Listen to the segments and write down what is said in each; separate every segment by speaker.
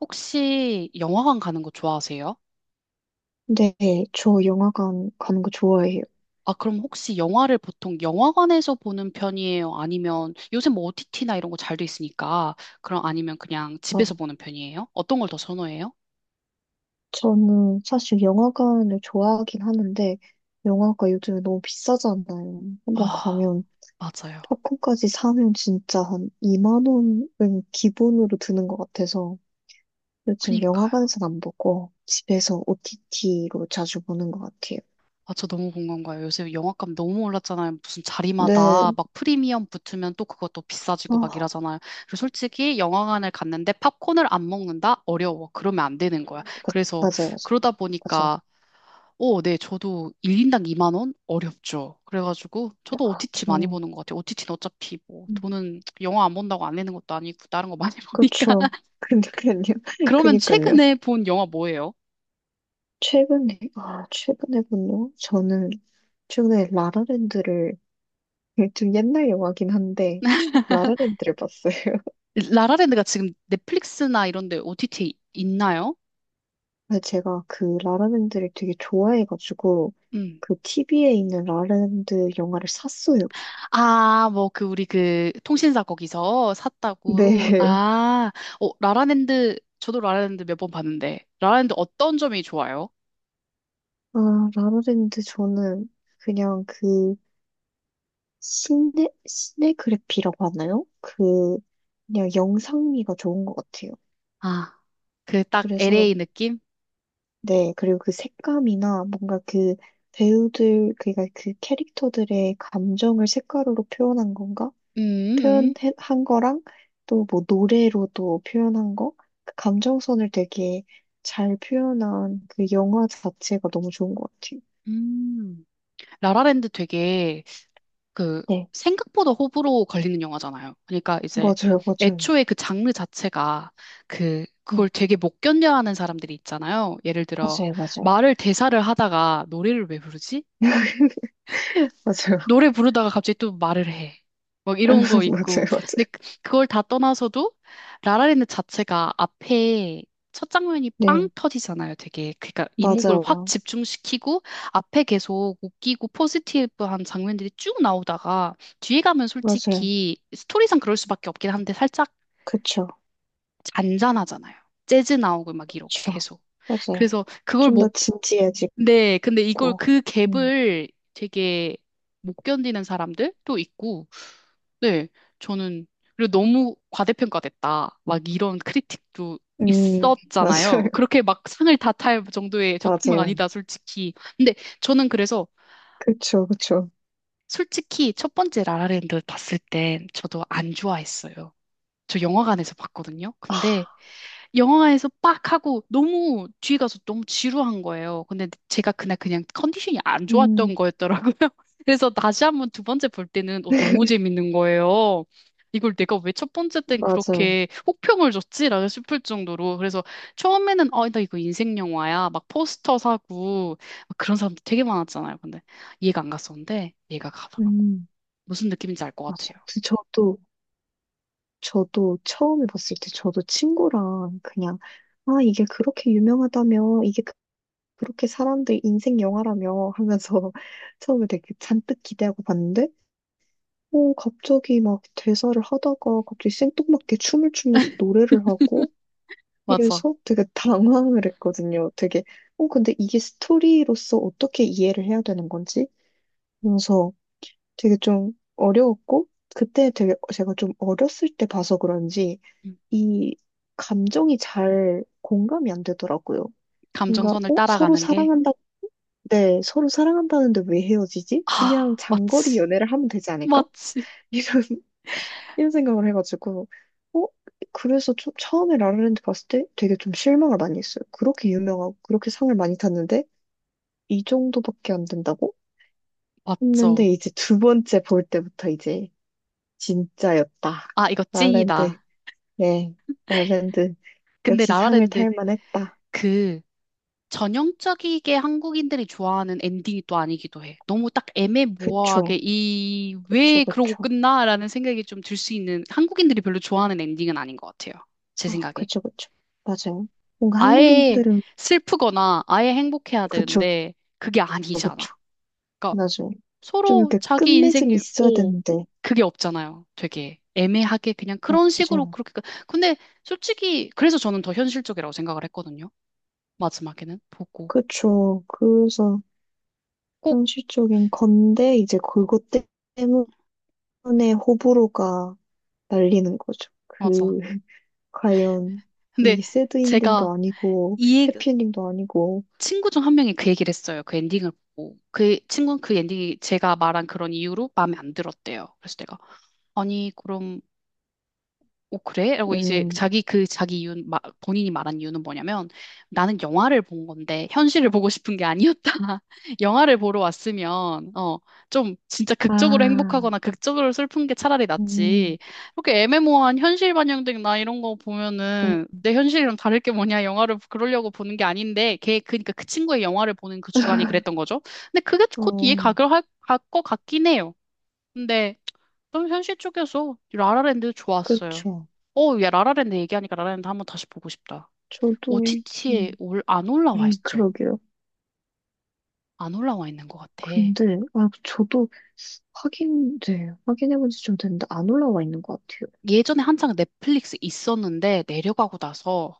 Speaker 1: 혹시 영화관 가는 거 좋아하세요?
Speaker 2: 네, 저 영화관 가는 거 좋아해요.
Speaker 1: 아, 그럼 혹시 영화를 보통 영화관에서 보는 편이에요? 아니면 요새 뭐 OTT나 이런 거 잘 돼 있으니까 그럼 아니면 그냥 집에서
Speaker 2: 어,
Speaker 1: 보는 편이에요? 어떤 걸 더 선호해요?
Speaker 2: 저는 사실 영화관을 좋아하긴 하는데, 영화가 요즘에 너무 비싸잖아요. 한번
Speaker 1: 아,
Speaker 2: 가면,
Speaker 1: 맞아요.
Speaker 2: 팝콘까지 사면 진짜 한 2만 원은 기본으로 드는 것 같아서, 요즘
Speaker 1: 그니까요.
Speaker 2: 영화관에서 안 보고, 집에서 OTT로 자주 보는 것 같아요.
Speaker 1: 아, 저 너무 공감 가요. 요새 영화값 너무 올랐잖아요. 무슨
Speaker 2: 네,
Speaker 1: 자리마다 막 프리미엄 붙으면 또 그것도 비싸지고 막
Speaker 2: 아,
Speaker 1: 이러잖아요. 그리고 솔직히 영화관을 갔는데 팝콘을 안 먹는다? 어려워. 그러면 안 되는 거야.
Speaker 2: 그,
Speaker 1: 그래서
Speaker 2: 맞아요,
Speaker 1: 그러다
Speaker 2: 맞아요. 맞아요.
Speaker 1: 보니까 오, 네, 저도 1인당 2만 원? 어렵죠. 그래가지고 저도
Speaker 2: 아,
Speaker 1: OTT 많이
Speaker 2: 정말.
Speaker 1: 보는 것 같아요. OTT는 어차피 뭐,
Speaker 2: 음,
Speaker 1: 돈은 영화 안 본다고 안 내는 것도 아니고, 다른 거 많이 보니까.
Speaker 2: 그렇죠. 그니까요.
Speaker 1: 그러면
Speaker 2: 그니까요.
Speaker 1: 최근에 본 영화 뭐예요?
Speaker 2: 최근에 본 영화? 저는 최근에 라라랜드를, 좀 옛날 영화긴 한데, 라라랜드를 봤어요.
Speaker 1: 라라랜드가 지금 넷플릭스나 이런 데 OTT 있나요?
Speaker 2: 근데 제가 그 라라랜드를 되게 좋아해가지고,
Speaker 1: 음.
Speaker 2: 그 TV에 있는 라라랜드 영화를 샀어요.
Speaker 1: 아, 뭐, 그, 우리 그, 통신사 거기서 샀다고.
Speaker 2: 네.
Speaker 1: 아, 어, 라라랜드, 저도 라라랜드 몇 번 봤는데, 라라랜드 어떤 점이 좋아요?
Speaker 2: 아, 라라랜드 저는 그냥 시네그래피라고 하나요? 그냥 영상미가 좋은 것 같아요.
Speaker 1: 아, 그 딱
Speaker 2: 그래서
Speaker 1: LA 느낌?
Speaker 2: 네, 그리고 그 색감이나 뭔가 그 배우들, 그니까 그 캐릭터들의 감정을 색깔로 표현한 건가?
Speaker 1: 음, 음.
Speaker 2: 표현한 거랑 또 뭐 노래로도 표현한 거? 그 감정선을 되게 잘 표현한 그 영화 자체가 너무 좋은 것 같아요.
Speaker 1: 음. 라라랜드 되게 그
Speaker 2: 네,
Speaker 1: 생각보다 호불호 걸리는 영화잖아요. 그러니까 이제
Speaker 2: 맞아요, 맞아요.
Speaker 1: 애초에 그 장르 자체가 그
Speaker 2: 네,
Speaker 1: 그걸 되게 못 견뎌하는 사람들이 있잖아요. 예를 들어
Speaker 2: 맞아요, 맞아요.
Speaker 1: 말을 대사를 하다가 노래를 왜 부르지?
Speaker 2: 맞아요.
Speaker 1: 노래 부르다가 갑자기 또 말을 해. 막 이런 거 있고.
Speaker 2: 맞아요,
Speaker 1: 근데
Speaker 2: 맞아요.
Speaker 1: 그걸 다 떠나서도 라라랜드 자체가 앞에 첫 장면이 빵
Speaker 2: 네,
Speaker 1: 터지잖아요. 되게 그러니까 이목을 확
Speaker 2: 맞아요.
Speaker 1: 집중시키고 앞에 계속 웃기고 포지티브한 장면들이 쭉 나오다가 뒤에 가면
Speaker 2: 맞아요.
Speaker 1: 솔직히 스토리상 그럴 수밖에 없긴 한데 살짝
Speaker 2: 그쵸,
Speaker 1: 잔잔하잖아요. 재즈 나오고 막 이러고
Speaker 2: 그쵸.
Speaker 1: 계속.
Speaker 2: 맞아요.
Speaker 1: 그래서 그걸
Speaker 2: 좀 더
Speaker 1: 못,
Speaker 2: 진지해지고,
Speaker 1: 네, 근데 이걸 그
Speaker 2: 음.
Speaker 1: 갭을 되게 못 견디는 사람들도 있고 네, 저는 그리고 너무 과대평가됐다. 막 이런 크리틱도
Speaker 2: 맞아요.
Speaker 1: 있었잖아요. 그렇게 막 상을 다 탈 정도의 작품은
Speaker 2: 맞아요.
Speaker 1: 아니다, 솔직히. 근데 저는 그래서
Speaker 2: 그쵸, 그쵸.
Speaker 1: 솔직히 첫 번째 라라랜드 봤을 때 저도 안 좋아했어요. 저 영화관에서 봤거든요.
Speaker 2: 아,
Speaker 1: 근데 영화에서 빡 하고 너무 뒤에 가서 너무 지루한 거예요. 근데 제가 그날 그냥 컨디션이 안 좋았던
Speaker 2: 음,
Speaker 1: 거였더라고요. 그래서 다시 한번 두 번째 볼 때는 어, 너무 재밌는 거예요. 이걸 내가 왜 첫 번째 땐
Speaker 2: 맞아요.
Speaker 1: 그렇게 혹평을 줬지라고 싶을 정도로. 그래서 처음에는 어, 나 이거 인생 영화야 막 포스터 사고 막 그런 사람들 되게 많았잖아요. 근데 이해가 안 갔었는데 이해가 가더라고.
Speaker 2: 음,
Speaker 1: 무슨 느낌인지 알 것 같아요.
Speaker 2: 맞아요. 근데 저도 처음에 봤을 때 저도 친구랑 그냥, 아, 이게 그렇게 유명하다며, 이게 그렇게 사람들 인생 영화라며 하면서 처음에 되게 잔뜩 기대하고 봤는데, 갑자기 막 대사를 하다가 갑자기 생뚱맞게 춤을 추면서 노래를 하고,
Speaker 1: 맞아.
Speaker 2: 그래서 되게 당황을 했거든요. 되게, 근데 이게 스토리로서 어떻게 이해를 해야 되는 건지? 그래서 되게 좀 어려웠고, 그때 되게 제가 좀 어렸을 때 봐서 그런지,
Speaker 1: 음,
Speaker 2: 이 감정이 잘 공감이 안 되더라고요. 뭔가,
Speaker 1: 감정선을
Speaker 2: 서로
Speaker 1: 따라가는 게
Speaker 2: 사랑한다, 네, 서로 사랑한다는데 왜 헤어지지? 그냥
Speaker 1: 아,
Speaker 2: 장거리
Speaker 1: 맞지.
Speaker 2: 연애를 하면 되지 않을까?
Speaker 1: 맞지.
Speaker 2: 이런 이런 생각을 해가지고, 어? 그래서 좀 처음에 라라랜드 봤을 때 되게 좀 실망을 많이 했어요. 그렇게 유명하고 그렇게 상을 많이 탔는데 이 정도밖에 안 된다고?
Speaker 1: 맞죠.
Speaker 2: 했는데 이제 두 번째 볼 때부터 이제 진짜였다.
Speaker 1: 아, 이거
Speaker 2: 라라랜드,
Speaker 1: 찐이다.
Speaker 2: 네, 라라랜드
Speaker 1: 근데
Speaker 2: 역시 상을
Speaker 1: 라라랜드
Speaker 2: 탈 만했다.
Speaker 1: 그 전형적이게 한국인들이 좋아하는 엔딩이 또 아니기도 해. 너무 딱
Speaker 2: 그쵸,
Speaker 1: 애매모호하게 이
Speaker 2: 그쵸,
Speaker 1: 왜 그러고
Speaker 2: 그쵸.
Speaker 1: 끝나라는 생각이 좀 들 수 있는, 한국인들이 별로 좋아하는 엔딩은 아닌 것 같아요. 제
Speaker 2: 아,
Speaker 1: 생각에.
Speaker 2: 그쵸, 그쵸. 맞아요. 뭔가
Speaker 1: 아예
Speaker 2: 한국인들은
Speaker 1: 슬프거나 아예 행복해야
Speaker 2: 그쵸,
Speaker 1: 되는데 그게 아니잖아.
Speaker 2: 그쵸.
Speaker 1: 그러니까
Speaker 2: 맞아요. 좀
Speaker 1: 서로
Speaker 2: 이렇게
Speaker 1: 자기
Speaker 2: 끝맺음이
Speaker 1: 인생이,
Speaker 2: 있어야
Speaker 1: 오,
Speaker 2: 되는데,
Speaker 1: 그게 없잖아요. 되게 애매하게 그냥 그런 식으로
Speaker 2: 맞아요.
Speaker 1: 그렇게. 근데 솔직히, 그래서 저는 더 현실적이라고 생각을 했거든요. 마지막에는 보고.
Speaker 2: 그쵸. 그래서
Speaker 1: 꼭,
Speaker 2: 현실적인 건데, 이제 그것 때문에 호불호가 날리는 거죠.
Speaker 1: 맞아.
Speaker 2: 그, 과연,
Speaker 1: 근데
Speaker 2: 이 새드엔딩도
Speaker 1: 제가
Speaker 2: 아니고,
Speaker 1: 이 얘기,
Speaker 2: 해피엔딩도 아니고,
Speaker 1: 친구 중 한 명이 그 얘기를 했어요. 그 엔딩을 보고. 그 친구는 그 엔딩이 제가 말한 그런 이유로 마음에 안 들었대요. 그래서 내가, 아니, 그럼 오, 그래? 라고 이제
Speaker 2: 음,
Speaker 1: 자기 그 자기 이유, 본인이 말한 이유는 뭐냐면 나는 영화를 본 건데 현실을 보고 싶은 게 아니었다. 영화를 보러 왔으면 어, 좀 진짜 극적으로
Speaker 2: 아,
Speaker 1: 행복하거나 극적으로 슬픈 게 차라리
Speaker 2: 음,
Speaker 1: 낫지. 이렇게 애매모호한 현실 반영된 나 이런 거
Speaker 2: 음,
Speaker 1: 보면은 내 현실이랑 다를 게 뭐냐. 영화를 그러려고 보는 게 아닌데 걔 그러니까 그 친구의 영화를 보는 그 주관이 그랬던 거죠. 근데 그게 곧
Speaker 2: 어,
Speaker 1: 이해가 갈 것 같긴 해요. 근데 좀 현실 쪽에서 라라랜드 좋았어요.
Speaker 2: 그쵸.
Speaker 1: 어, 야, 라라랜드 얘기하니까 라라랜드 한번 다시 보고 싶다.
Speaker 2: 저도,
Speaker 1: OTT에
Speaker 2: 음,
Speaker 1: 올, 안 올라와 있죠?
Speaker 2: 그러게요.
Speaker 1: 안 올라와 있는 것 같아.
Speaker 2: 근데, 아, 저도 확인, 네, 확인해본 지 좀 됐는데, 안 올라와 있는 것 같아요.
Speaker 1: 예전에 한창 넷플릭스 있었는데 내려가고 나서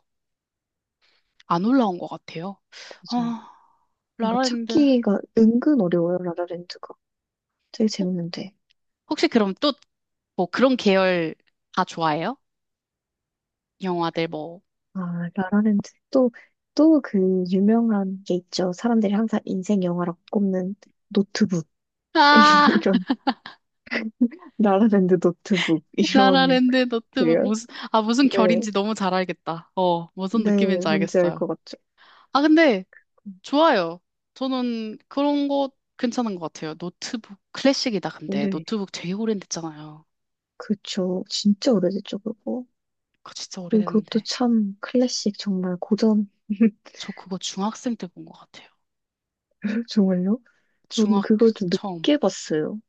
Speaker 1: 안 올라온 것 같아요.
Speaker 2: 맞아요.
Speaker 1: 아,
Speaker 2: 뭔가
Speaker 1: 라라랜드.
Speaker 2: 찾기가 은근 어려워요, 라라랜드가. 되게
Speaker 1: 어,
Speaker 2: 재밌는데.
Speaker 1: 혹시 그럼 또 뭐 그런 계열 다 좋아해요? 영화들 뭐.
Speaker 2: 아, 라라랜드. 또, 또 그 유명한 게 있죠. 사람들이 항상 인생 영화라고 꼽는 노트북.
Speaker 1: 아,
Speaker 2: 이런, 라라랜드 노트북. 이런,
Speaker 1: 라라랜드 너트북
Speaker 2: 그래요?
Speaker 1: 무슨, 아, 무슨
Speaker 2: 네,
Speaker 1: 결인지 너무 잘 알겠다. 어, 무슨
Speaker 2: 네,
Speaker 1: 느낌인지
Speaker 2: 뭔지 알
Speaker 1: 알겠어요.
Speaker 2: 것 같죠.
Speaker 1: 아, 근데 좋아요. 저는 그런 거 괜찮은 것 같아요. 노트북 클래식이다, 근데.
Speaker 2: 네,
Speaker 1: 노트북 되게 오래됐잖아요.
Speaker 2: 그쵸. 진짜 오래됐죠, 그거.
Speaker 1: 그거 진짜
Speaker 2: 그리고 그것도
Speaker 1: 오래됐는데.
Speaker 2: 참 클래식, 정말 고전.
Speaker 1: 저 그거 중학생 때 본 것 같아요.
Speaker 2: 정말요? 저는
Speaker 1: 중학교
Speaker 2: 그걸
Speaker 1: 때
Speaker 2: 좀
Speaker 1: 처음.
Speaker 2: 늦게 봤어요.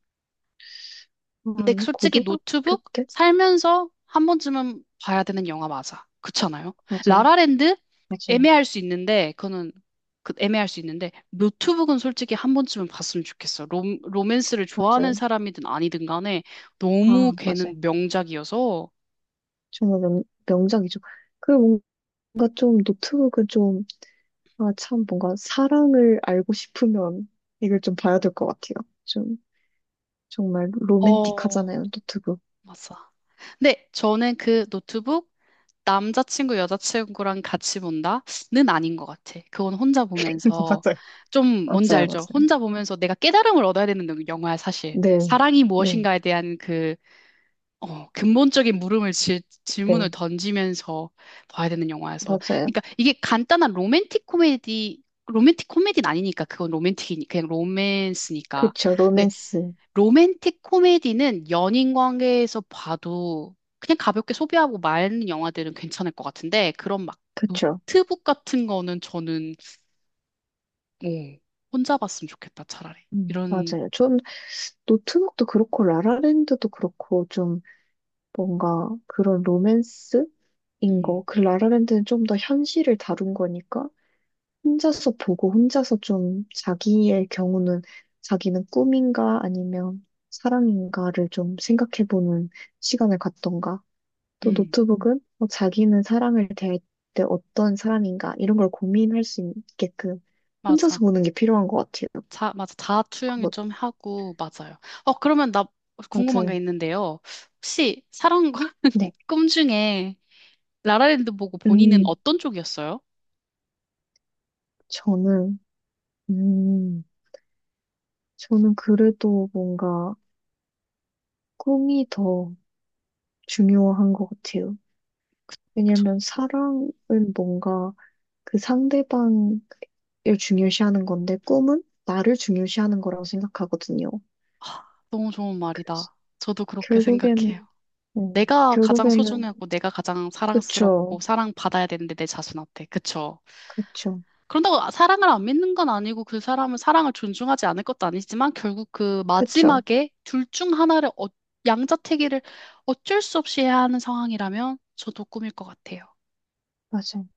Speaker 1: 근데
Speaker 2: 한
Speaker 1: 솔직히
Speaker 2: 고등학교
Speaker 1: 노트북
Speaker 2: 때?
Speaker 1: 살면서 한 번쯤은 봐야 되는 영화 맞아. 그렇잖아요.
Speaker 2: 맞아요,
Speaker 1: 라라랜드
Speaker 2: 맞아요,
Speaker 1: 애매할 수 있는데 그거는 그 애매할 수 있는데 노트북은 솔직히 한 번쯤은 봤으면 좋겠어. 로맨스를 좋아하는
Speaker 2: 맞아요.
Speaker 1: 사람이든 아니든 간에 너무
Speaker 2: 아, 맞아요.
Speaker 1: 걔는 명작이어서.
Speaker 2: 정말 명작이죠. 그 뭔가 좀 노트북은 좀, 아, 참 뭔가 사랑을 알고 싶으면 이걸 좀 봐야 될 것 같아요. 좀 정말
Speaker 1: 어,
Speaker 2: 로맨틱하잖아요, 노트북.
Speaker 1: 맞아. 근데 저는 그 노트북 남자친구, 여자친구랑 같이 본다는 아닌 것 같아. 그건 혼자 보면서
Speaker 2: 맞아요.
Speaker 1: 좀 뭔지
Speaker 2: 맞아요,
Speaker 1: 알죠?
Speaker 2: 맞아요.
Speaker 1: 혼자 보면서 내가 깨달음을 얻어야 되는 화야 사실.
Speaker 2: 네,
Speaker 1: 사랑이
Speaker 2: 네,
Speaker 1: 무엇인가에 대한 그 어, 근본적인 물음을 질문을
Speaker 2: 네,
Speaker 1: 던지면서 봐야 되는 영화여서.
Speaker 2: 맞아요.
Speaker 1: 그러니까 이게 간단한 로맨틱 코미디, 로맨틱 코미디는 아니니까 그건 로맨틱이 그냥 로맨스니까.
Speaker 2: 그쵸, 로맨스.
Speaker 1: 로맨틱 코미디는 연인 관계에서 봐도 그냥 가볍게 소비하고 마는 영화들은 괜찮을 것 같은데 그런 막
Speaker 2: 그쵸.
Speaker 1: 노트북 같은 거는 저는 오, 혼자 봤으면 좋겠다 차라리 이런.
Speaker 2: 맞아요. 좀 노트북도 그렇고 라라랜드도 그렇고 좀 뭔가 그런 로맨스? 인
Speaker 1: 음,
Speaker 2: 거. 그 라라랜드는 좀 더 현실을 다룬 거니까 혼자서 보고 혼자서 좀 자기의 경우는 자기는 꿈인가 아니면 사랑인가를 좀 생각해보는 시간을 갖던가 또
Speaker 1: 음,
Speaker 2: 노트북은 뭐 자기는 사랑을 대할 때 어떤 사람인가 이런 걸 고민할 수 있게끔 혼자서
Speaker 1: 맞아.
Speaker 2: 보는 게 필요한 것 같아요.
Speaker 1: 맞아 자아 투영이
Speaker 2: 그거
Speaker 1: 좀 하고 맞아요. 어 그러면 나 궁금한 게
Speaker 2: 맞아요.
Speaker 1: 있는데요, 혹시 사랑과
Speaker 2: 네.
Speaker 1: 꿈 중에 라라랜드 보고 본인은
Speaker 2: 음,
Speaker 1: 어떤 쪽이었어요?
Speaker 2: 저는 음, 저는 그래도 뭔가 꿈이 더 중요한 것 같아요.
Speaker 1: 저-
Speaker 2: 왜냐면 사랑은 뭔가 그 상대방을 중요시하는 건데 꿈은 나를 중요시하는 거라고 생각하거든요.
Speaker 1: 아, 너무 좋은
Speaker 2: 그래서
Speaker 1: 말이다. 저도 그렇게 생각해요.
Speaker 2: 결국에는,
Speaker 1: 내가 가장
Speaker 2: 결국에는,
Speaker 1: 소중하고 내가 가장 사랑스럽고
Speaker 2: 그쵸,
Speaker 1: 사랑받아야 되는데 내 자신한테. 그쵸?
Speaker 2: 그쵸,
Speaker 1: 그런다고 사랑을 안 믿는 건 아니고 그 사람은 사랑을 존중하지 않을 것도 아니지만 결국 그
Speaker 2: 그쵸,
Speaker 1: 마지막에 둘 중 하나를 어, 양자택일을 어쩔 수 없이 해야 하는 상황이라면 저도 꿈일 것 같아요.
Speaker 2: 맞아요.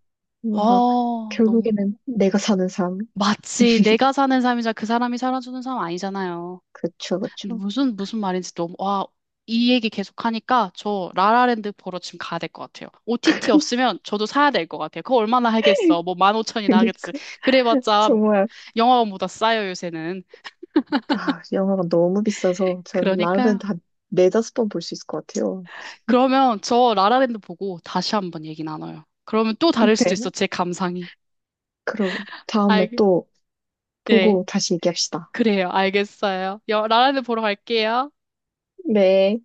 Speaker 2: 뭔가
Speaker 1: 어, 너무
Speaker 2: 결국에는 내가 사는 삶,
Speaker 1: 마치 내가 사는 삶이자 그 사람이 살아주는 삶 아니잖아요.
Speaker 2: 그쵸,
Speaker 1: 근데
Speaker 2: 그쵸.
Speaker 1: 무슨 말인지 너무 와, 이 얘기 계속 하니까 저 라라랜드 보러 지금 가야 될 것 같아요. OTT 없으면 저도 사야 될 것 같아요. 그거 얼마나 하겠어? 뭐 15,000이나
Speaker 2: 그러니까
Speaker 1: 하겠지. 그래봤자
Speaker 2: 정말
Speaker 1: 영화관보다 싸요, 요새는.
Speaker 2: 아, 영화가 너무 비싸서 전
Speaker 1: 그러니까요.
Speaker 2: 라라랜드 한 네다섯 번 볼 수 있을 것 같아요.
Speaker 1: 그러면 저 라라랜드 보고 다시 한번 얘기 나눠요. 그러면 또 다를 수도
Speaker 2: 네.
Speaker 1: 있어, 제 감상이.
Speaker 2: 그럼 다음에
Speaker 1: 알겠,
Speaker 2: 또
Speaker 1: 네,
Speaker 2: 보고 다시 얘기합시다.
Speaker 1: 그래요. 알겠어요. 여, 라라랜드 보러 갈게요.
Speaker 2: 네.